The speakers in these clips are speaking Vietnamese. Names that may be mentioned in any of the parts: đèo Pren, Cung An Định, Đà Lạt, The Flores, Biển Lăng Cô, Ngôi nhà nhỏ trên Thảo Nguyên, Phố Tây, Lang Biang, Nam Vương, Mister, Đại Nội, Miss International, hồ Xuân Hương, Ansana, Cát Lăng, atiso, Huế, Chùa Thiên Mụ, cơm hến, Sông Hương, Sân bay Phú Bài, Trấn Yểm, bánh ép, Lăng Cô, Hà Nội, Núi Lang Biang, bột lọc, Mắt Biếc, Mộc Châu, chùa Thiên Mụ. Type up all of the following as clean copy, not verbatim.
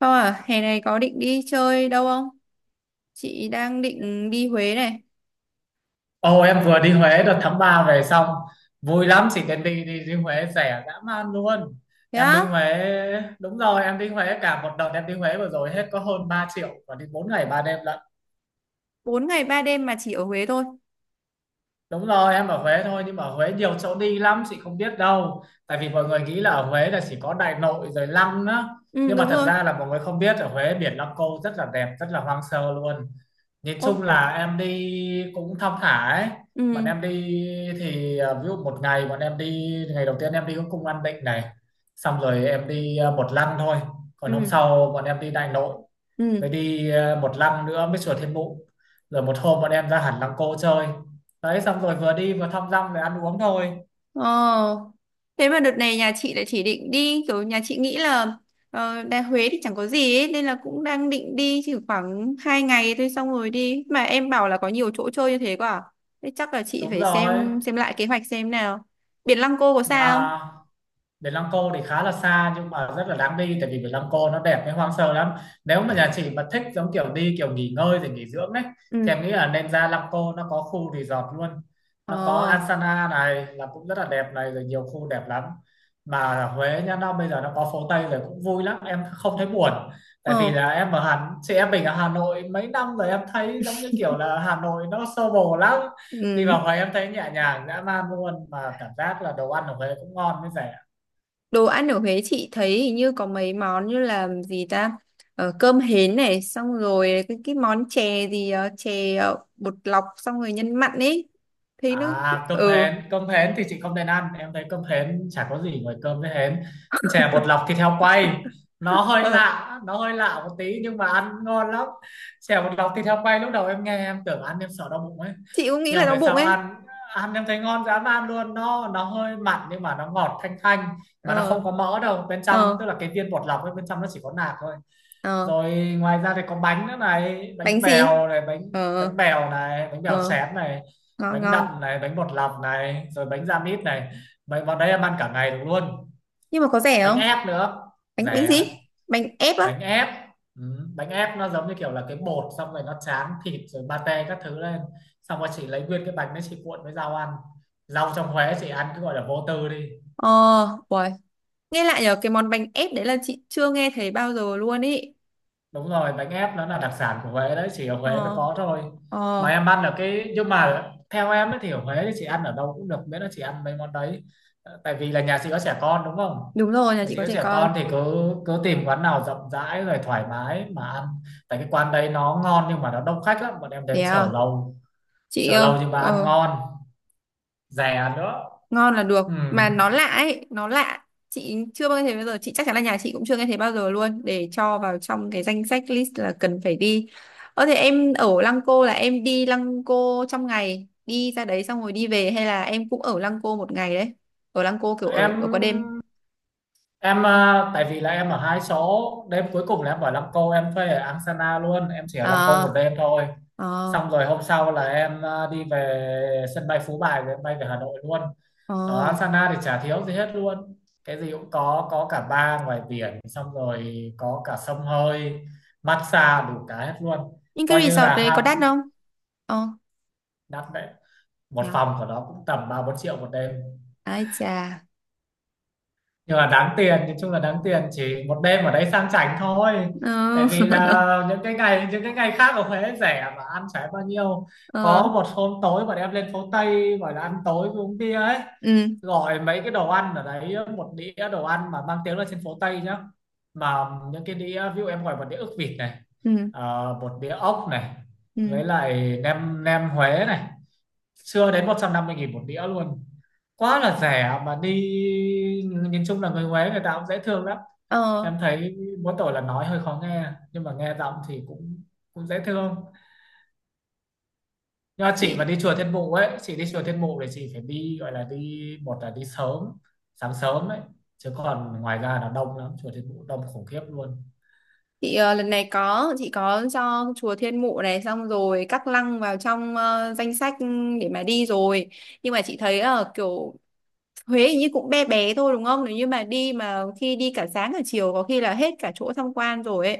Không à, hè này có định đi chơi đâu không? Chị đang định đi Huế này. Ồ em vừa đi Huế đợt tháng 3 về xong vui lắm, chỉ cần đi đi đi Huế rẻ dã man luôn. Thế Em á. đi Huế đúng rồi Em đi Huế cả một đợt, em đi Huế vừa rồi hết có hơn 3 triệu và đi 4 ngày 3 đêm lận. 4 ngày 3 đêm mà chỉ ở Huế thôi. Đúng rồi, em ở Huế thôi nhưng mà ở Huế nhiều chỗ đi lắm chị không biết đâu. Tại vì mọi người nghĩ là ở Huế là chỉ có Đại Nội rồi Lăng á. Ừ, Nhưng mà đúng thật rồi. ra là mọi người không biết ở Huế biển Lăng Cô rất là đẹp, rất là hoang sơ luôn. Nhìn Ô, chung là em đi cũng thong thả ấy. Bọn ừ, em đi ví dụ một ngày bọn em đi, ngày đầu tiên em đi cũng cung An Định này. Xong rồi em đi một lăng thôi. Còn hôm ừ, sau bọn em đi Đại Nội. ừ. Với đi một lăng nữa mới chùa Thiên Mụ. Rồi một hôm bọn em ra hẳn Lăng Cô chơi, đấy xong rồi vừa đi vừa thăm dăm về ăn uống thôi. ờ Thế mà đợt này nhà chị lại chỉ định đi, kiểu nhà chị nghĩ là Đà Huế thì chẳng có gì ấy, nên là cũng đang định đi chỉ khoảng 2 ngày thôi xong rồi đi. Mà em bảo là có nhiều chỗ chơi như thế quá à? Thế chắc là chị Đúng phải rồi, xem lại kế hoạch xem nào. Biển Lăng Cô có sao không? mà Biển Lăng Cô thì khá là xa nhưng mà rất là đáng đi, tại vì Biển Lăng Cô nó đẹp với hoang sơ lắm. Nếu mà nhà chị mà thích giống kiểu đi kiểu nghỉ ngơi rồi nghỉ dưỡng đấy, Ừ. thì em nghĩ là nên ra Lăng Cô, nó có khu resort luôn. Nó có Ờ. Ansana này là cũng rất là đẹp này, rồi nhiều khu đẹp lắm. Mà ở Huế nhá, nó bây giờ nó có phố Tây rồi cũng vui lắm, em không thấy buồn. Tại vì Ờ. là em ở Hà, chị em mình ở Hà Nội mấy năm rồi, em thấy giống như kiểu là Hà Nội nó xô bồ lắm. Đi Ừ. vào Huế em thấy nhẹ nhàng dã man luôn, mà cảm giác là đồ ăn ở Huế cũng ngon với rẻ. Đồ ăn ở Huế chị thấy hình như có mấy món như là gì ta, cơm hến này, xong rồi cái món chè gì, chè bột lọc xong rồi nhân mặn ấy, thấy nó... À Ừ. Cơm hến thì chị không nên ăn, em thấy cơm hến chả có gì ngoài cơm với hến. Chè bột lọc thịt heo quay, ờ nó hơi lạ một tí nhưng mà ăn ngon lắm. Chè bột lọc thịt heo quay lúc đầu em nghe em tưởng ăn em sợ đau bụng ấy. chị cũng nghĩ Nhưng là mà đau về bụng sau ấy. ăn, ăn em thấy ngon dám ăn luôn, nó hơi mặn nhưng mà nó ngọt thanh thanh mà nó Ờ. không có mỡ đâu. Bên trong Ờ. tức là cái viên bột lọc ấy, bên trong nó chỉ có nạc thôi. Ờ. Rồi ngoài ra thì có bánh nữa này, Bánh bánh gì? bèo này, Ờ. Bánh bèo Ờ. xém này, Ngon bánh ngon. đậm này, bánh bột lọc này, rồi bánh da mít này. Bánh vào đấy em ăn cả ngày được luôn. Nhưng mà có rẻ Bánh không? ép nữa, Bánh bánh rẻ. gì, bánh ép á? Bánh ép, ừ. Bánh ép nó giống như kiểu là cái bột xong rồi nó tráng thịt rồi pate các thứ lên, xong rồi chị lấy nguyên cái bánh đấy chị cuộn với rau ăn. Rau trong Huế chị ăn cứ gọi là vô tư đi. Ờ. Uầy. Nghe lại nhờ cái món bánh ép đấy là chị chưa nghe thấy bao giờ luôn ý. Đúng rồi, bánh ép nó là đặc sản của Huế đấy, chỉ ở Huế mới Ờ. có thôi. Mà Ờ. em ăn ở cái, nhưng mà theo em ấy thì ở Huế thì chị ăn ở đâu cũng được miễn là chị ăn mấy món đấy. Ờ, tại vì là nhà chị có trẻ con đúng không, Đúng rồi, nhà nhà chị chị có có trẻ trẻ con con. thì cứ cứ tìm quán nào rộng rãi rồi thoải mái mà ăn. Tại cái quán đấy nó ngon nhưng mà nó đông khách lắm, bọn em Thế đến chờ à. lâu, Chị chờ lâu nhưng mà ăn ngon, rẻ nữa. ngon là được, Ừ. mà nó lạ ấy, nó lạ, chị chưa bao giờ nghe thấy bao giờ, chị chắc chắn là nhà chị cũng chưa nghe thấy bao giờ luôn, để cho vào trong cái danh sách list là cần phải đi. Thế em ở Lăng Cô là em đi Lăng Cô trong ngày đi ra đấy xong rồi đi về, hay là em cũng ở Lăng Cô một ngày đấy? Ở Lăng Cô kiểu ở qua em đêm? Tại vì là em ở hai số đêm cuối cùng là em ở Lăng Cô, em thuê ở Angsana luôn, em chỉ ở Lăng Cô một Ờ. đêm thôi. Ờ. Xong rồi hôm sau là em đi về sân bay Phú Bài rồi em bay về Hà Nội luôn. Ờ. Ở Angsana thì chả thiếu gì hết luôn, cái gì cũng có cả bar ngoài biển, xong rồi có cả sông hơi, massage đủ cả hết luôn. Nhưng cái Coi như resort là đấy có đắt ham, không? Ờ. đắt đấy, một Yeah. phòng của nó cũng tầm 3-4 triệu một đêm. Ai chà. Nhưng mà đáng tiền, nói chung là đáng tiền, chỉ một đêm ở đấy sang chảnh thôi. Ờ. Tại vì là những cái ngày khác ở Huế rẻ mà ăn chả bao nhiêu. Ờ. Có một hôm tối bọn em lên phố Tây gọi là ăn tối với uống bia ấy, Ừ. gọi mấy cái đồ ăn ở đấy, một đĩa đồ ăn mà mang tiếng là trên phố Tây nhá, mà những cái đĩa ví dụ em gọi một đĩa ức vịt này, Ừ. ờ, một đĩa ốc này, Ừ. với lại nem nem Huế này, chưa đến 150.000 một đĩa luôn, quá là rẻ mà đi. Nhìn chung là người Huế người ta cũng dễ thương lắm, Ờ. em thấy mỗi tội là nói hơi khó nghe, nhưng mà nghe giọng thì cũng cũng dễ thương. Nhưng mà chị Chị... mà đi chùa Thiên Mụ ấy, chị đi chùa Thiên Mụ thì chị phải đi, gọi là đi một là đi sớm, sáng sớm ấy, chứ còn ngoài ra là đông lắm, chùa Thiên Mụ đông khủng khiếp luôn. Chị lần này có chị cho chùa Thiên Mụ này xong rồi Cát Lăng vào trong danh sách để mà đi rồi. Nhưng mà chị thấy kiểu Huế hình như cũng bé bé thôi đúng không? Nếu như mà đi mà khi đi cả sáng cả chiều có khi là hết cả chỗ tham quan rồi ấy.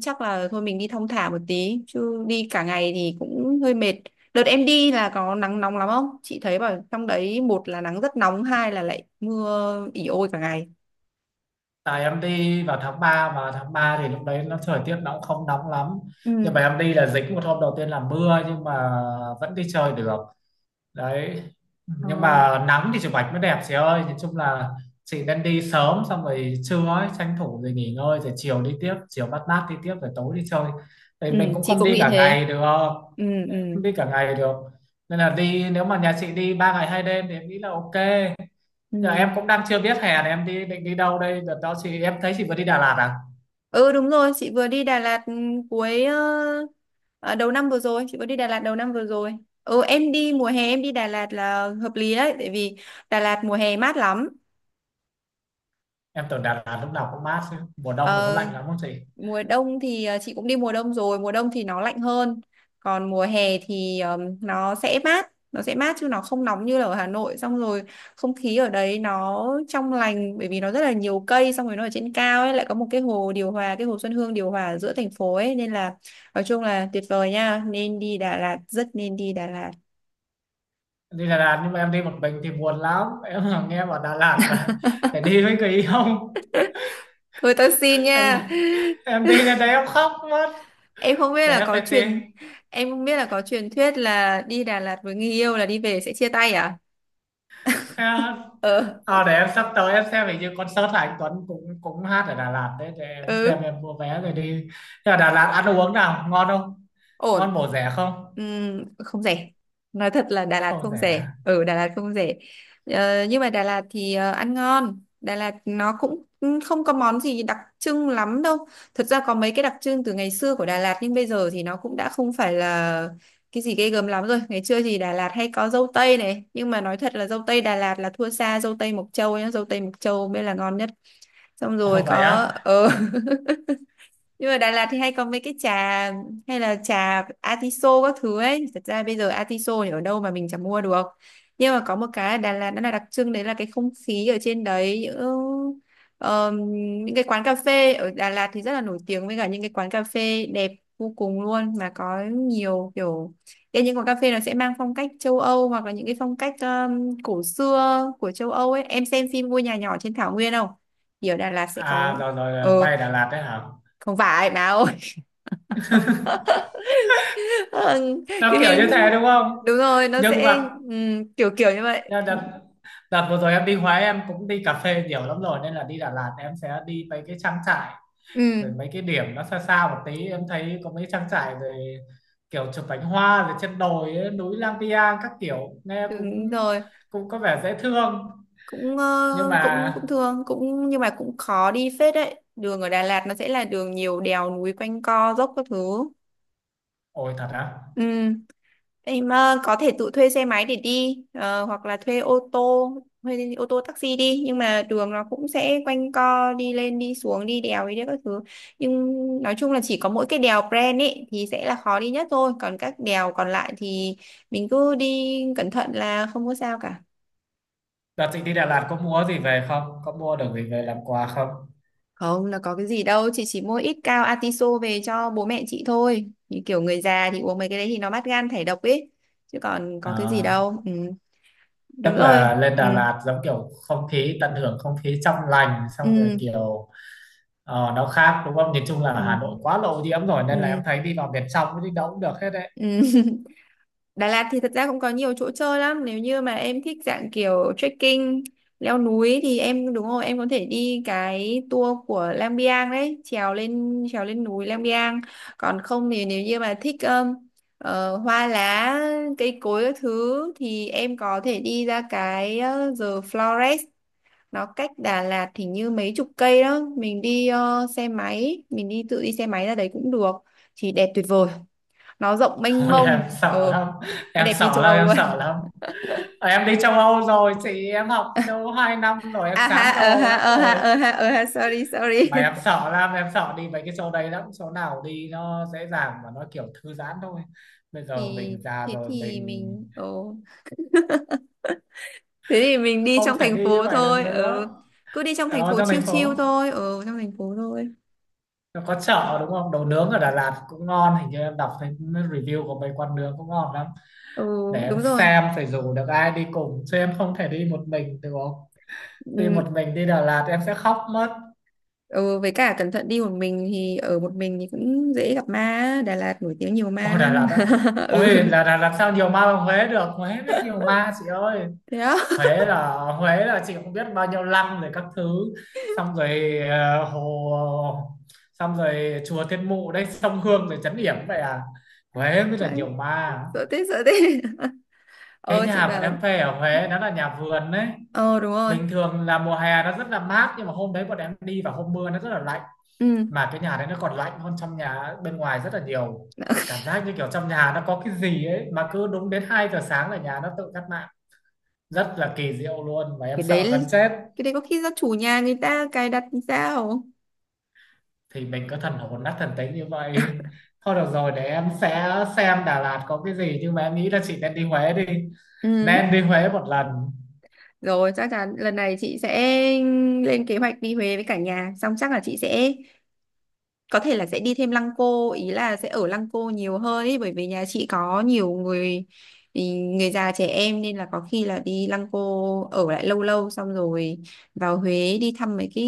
Chắc là thôi mình đi thong thả một tí chứ đi cả ngày thì cũng hơi mệt. Đợt em đi là có nắng nóng lắm không? Chị thấy bảo trong đấy một là nắng rất nóng, hai là lại mưa ỉ ôi cả ngày. Tại em đi vào tháng 3 mà tháng 3 thì lúc đấy nó thời tiết nó cũng không nóng lắm, nhưng Ừ. mà em đi là dính một hôm đầu tiên là mưa nhưng mà vẫn đi chơi được đấy. Ờ. Nhưng mà nắng thì chụp ảnh mới đẹp chị ơi, nói chung là chị nên đi sớm, xong rồi trưa ấy tranh thủ rồi nghỉ ngơi, rồi chiều đi tiếp, chiều mát mát đi tiếp, rồi tối đi chơi, thì Ừ, mình cũng chị không cũng đi nghĩ cả thế. ngày được, không Ừ, ừ. đi cả ngày được. Nên là đi nếu mà nhà chị đi 3 ngày 2 đêm thì em nghĩ là ok. Ừ. Giờ em cũng đang chưa biết hè này em đi, định đi đâu đây. Đợt đó chị, em thấy chị vừa đi Đà Lạt à, Ừ, đúng rồi, chị vừa đi Đà Lạt. Ừ, cuối ờ, đầu năm vừa rồi chị vừa đi Đà Lạt đầu năm vừa rồi. Ừ, em đi mùa hè, em đi Đà Lạt là hợp lý đấy, tại vì Đà Lạt mùa hè mát lắm. em tưởng Đà Lạt lúc nào cũng mát chứ, mùa đông thì có Ờ, lạnh lắm không chị? mùa đông thì chị cũng đi mùa đông rồi, mùa đông thì nó lạnh hơn. Còn mùa hè thì nó sẽ mát, nó sẽ mát chứ nó không nóng như là ở Hà Nội, xong rồi không khí ở đấy nó trong lành bởi vì nó rất là nhiều cây, xong rồi nó ở trên cao ấy, lại có một cái hồ điều hòa, cái hồ Xuân Hương điều hòa ở giữa thành phố ấy, nên là nói chung là tuyệt vời nha, nên đi Đà Lạt, rất nên đi Đà Lạt. Đi Đà Lạt nhưng mà em đi một mình thì buồn lắm em, là nghe bảo Đà Lạt là phải đi với người yêu. Thôi tao xin em nha. em đi lên đấy em khóc mất, em không biết để là em có phải tìm. truyền Em không biết là có truyền thuyết là đi Đà Lạt với người yêu là đi về sẽ chia tay à? Thế à, Ờ. Để em sắp tới em xem hình như concert là anh Tuấn cũng cũng hát ở Đà Lạt đấy, để em xem Ừ. em mua vé rồi đi. Nhưng mà Đà Lạt ăn uống nào ngon không, Ổn. ngon bổ rẻ không? Không rẻ. Nói thật là Đà Lạt Không không rẻ, rẻ. ở Đà Lạt không rẻ. Nhưng mà Đà Lạt thì ăn ngon. Đà Lạt nó cũng không có món gì đặc trưng lắm đâu. Thật ra có mấy cái đặc trưng từ ngày xưa của Đà Lạt, nhưng bây giờ thì nó cũng đã không phải là cái gì ghê gớm lắm rồi. Ngày xưa thì Đà Lạt hay có dâu tây này, nhưng mà nói thật là dâu tây Đà Lạt là thua xa dâu tây Mộc Châu nhá, dâu tây Mộc Châu mới là ngon nhất. Xong Ồ, rồi vậy có á. Nhưng mà Đà Lạt thì hay có mấy cái trà, hay là trà atiso các thứ ấy. Thật ra bây giờ atiso thì ở đâu mà mình chẳng mua được. Nhưng mà có một cái ở Đà Lạt nó là đặc trưng đấy, là cái không khí ở trên đấy, ờm, những cái quán cà phê ở Đà Lạt thì rất là nổi tiếng, với cả những cái quán cà phê đẹp vô cùng luôn, mà có nhiều kiểu. Thế những quán cà phê nó sẽ mang phong cách châu Âu, hoặc là những cái phong cách cổ xưa của châu Âu ấy. Em xem phim Ngôi nhà nhỏ trên Thảo Nguyên không? Thì ở Đà Lạt sẽ À có. rồi rồi, ờ quay Đà Lạt đấy hả? Không phải báo. Vâng, Nó cái kiểu phim. như thế đúng không? Đúng rồi, nó Nhưng sẽ mà kiểu kiểu như vậy. nhưng đợt đợt vừa rồi em đi Huế em cũng đi cà phê nhiều lắm rồi, nên là đi Đà Lạt em sẽ đi mấy cái trang trại, Ừ, rồi mấy cái điểm nó xa xa một tí, em thấy có mấy trang trại rồi, kiểu chụp cánh hoa rồi trên đồi ấy, núi Lang Biang các kiểu, nghe cũng đúng rồi, cũng có vẻ dễ thương. cũng Nhưng ờ, cũng cũng mà thương cũng, nhưng mà cũng khó đi phết đấy, đường ở Đà Lạt nó sẽ là đường nhiều đèo núi quanh co dốc các thứ. ôi thật á? Ừ, em có thể tự thuê xe máy để đi, hoặc là thuê ô tô, taxi đi, nhưng mà đường nó cũng sẽ quanh co, đi lên đi xuống, đi đèo đi đấy các thứ. Nhưng nói chung là chỉ có mỗi cái đèo Pren ấy thì sẽ là khó đi nhất thôi, còn các đèo còn lại thì mình cứ đi cẩn thận là không có sao cả. Đợt chị đi Đà Lạt có mua gì về không, có mua được gì về làm quà không? Không là có cái gì đâu, chị chỉ mua ít cao atiso về cho bố mẹ chị thôi. Như kiểu người già thì uống mấy cái đấy thì nó mát gan thải độc ấy, chứ còn có cái gì À, đâu. Ừ, tức đúng rồi. là lên Ừ. Đà Lạt giống kiểu không khí, tận hưởng không khí trong lành, xong rồi Ừ. kiểu ờ, nó khác đúng không? Nhìn chung là Ừ. Hà Nội quá là ô rồi, nên là em Ừ. thấy đi vào miền trong đi đâu cũng được hết đấy. Ừ. Đà Lạt thì thật ra cũng có nhiều chỗ chơi lắm, nếu như mà em thích dạng kiểu trekking leo núi thì em, đúng rồi, em có thể đi cái tour của Lang Biang đấy, trèo lên núi Lang Biang. Còn không thì nếu như mà thích hoa lá cây cối các thứ thì em có thể đi ra cái The Flores. Nó cách Đà Lạt thì như mấy chục cây đó, mình đi xe máy, mình đi tự đi xe máy ra đấy cũng được, thì đẹp tuyệt vời, nó rộng mênh Thôi em mông. sợ Ờ lắm, nó em đẹp như sợ châu lắm, Âu em luôn. sợ lắm. Ờ, em đi châu Âu rồi chị, em học châu Âu 2 năm rồi, em À ha, chán châu ờ Âu ha, lắm ờ ha, rồi. ờ ha, ờ ha, sorry sorry. Mà em sợ lắm, em sợ đi mấy cái chỗ đấy lắm, chỗ nào đi nó dễ dàng và nó kiểu thư giãn thôi. Bây giờ thì mình già thế rồi thì mình mình ồ Thế thì mình đi không trong thể thành đi như phố vậy được thôi. Ừ, nữa. cứ đi trong thành Ở phố trong chiêu thành chiêu phố. thôi. Ừ, trong thành phố thôi. Nó có chợ đúng không, đồ nướng ở Đà Lạt cũng ngon, hình như em đọc thấy review của mấy quán nướng cũng ngon lắm. Ừ, Để em đúng rồi. xem phải rủ được ai đi cùng chứ em không thể đi một mình được, không đi Ừ, một mình. Đi Đà Lạt em sẽ khóc mất. ừ, với cả cẩn thận, đi một mình thì ở một mình thì cũng dễ gặp ma á. Đà Lạt nổi tiếng nhiều ma Ôi Đà Lạt lắm. á, Ừ. ôi là Đà Lạt sao nhiều ma bằng Huế được, Huế mới nhiều ma chị ơi. Thế đó. Huế là Huế là chị không biết bao nhiêu lăng rồi các thứ, xong rồi ờ, hồ, xong rồi chùa Thiên Mụ đây, sông Hương rồi trấn Yểm, vậy à, Huế mới là Đấy, nhiều ma. sợ thế sợ thế. Cái Ờ, chị nhà bọn bảo. em thuê ở Huế nó là nhà vườn đấy, Ờ, đúng rồi. bình thường là mùa hè nó rất là mát nhưng mà hôm đấy bọn em đi vào hôm mưa nó rất là lạnh, Ừ. mà cái nhà đấy nó còn lạnh hơn trong nhà bên ngoài rất là nhiều. Cảm giác như kiểu trong nhà nó có cái gì ấy, mà cứ đúng đến 2 giờ sáng là nhà nó tự tắt mạng, rất là kỳ diệu luôn, và em cái sợ gần đấy chết. cái đấy có khi do chủ nhà người ta cài đặt thì sao? Thì mình cứ thần hồn nát thần tính như vậy. Thôi được rồi, để em sẽ xem Đà Lạt có cái gì, nhưng mà em nghĩ là chị nên đi Huế đi, Ừ, nên đi Huế một lần. rồi chắc chắn lần này chị sẽ lên kế hoạch đi Huế với cả nhà, xong chắc là chị sẽ có thể là sẽ đi thêm Lăng Cô, ý là sẽ ở Lăng Cô nhiều hơn ý, bởi vì nhà chị có nhiều người ý, người già trẻ em, nên là có khi là đi Lăng Cô ở lại lâu lâu xong rồi vào Huế đi thăm mấy cái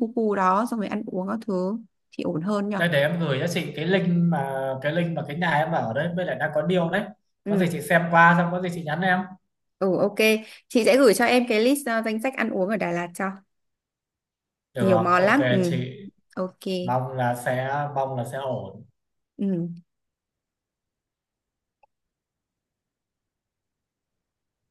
khu khu đó, xong rồi ăn uống các thứ thì ổn hơn nhở. Đây để em gửi cho chị cái link mà, cái nhà em ở đấy với lại đang có deal đấy. Có gì Ừ. chị xem qua xong có gì chị nhắn em. Ừ. Ok. Chị sẽ gửi cho em cái list, danh sách ăn uống ở Đà Lạt cho, nhiều Được, món ok lắm. Ừ. chị. Ok. mong là sẽ Mong là sẽ ổn. Ừ.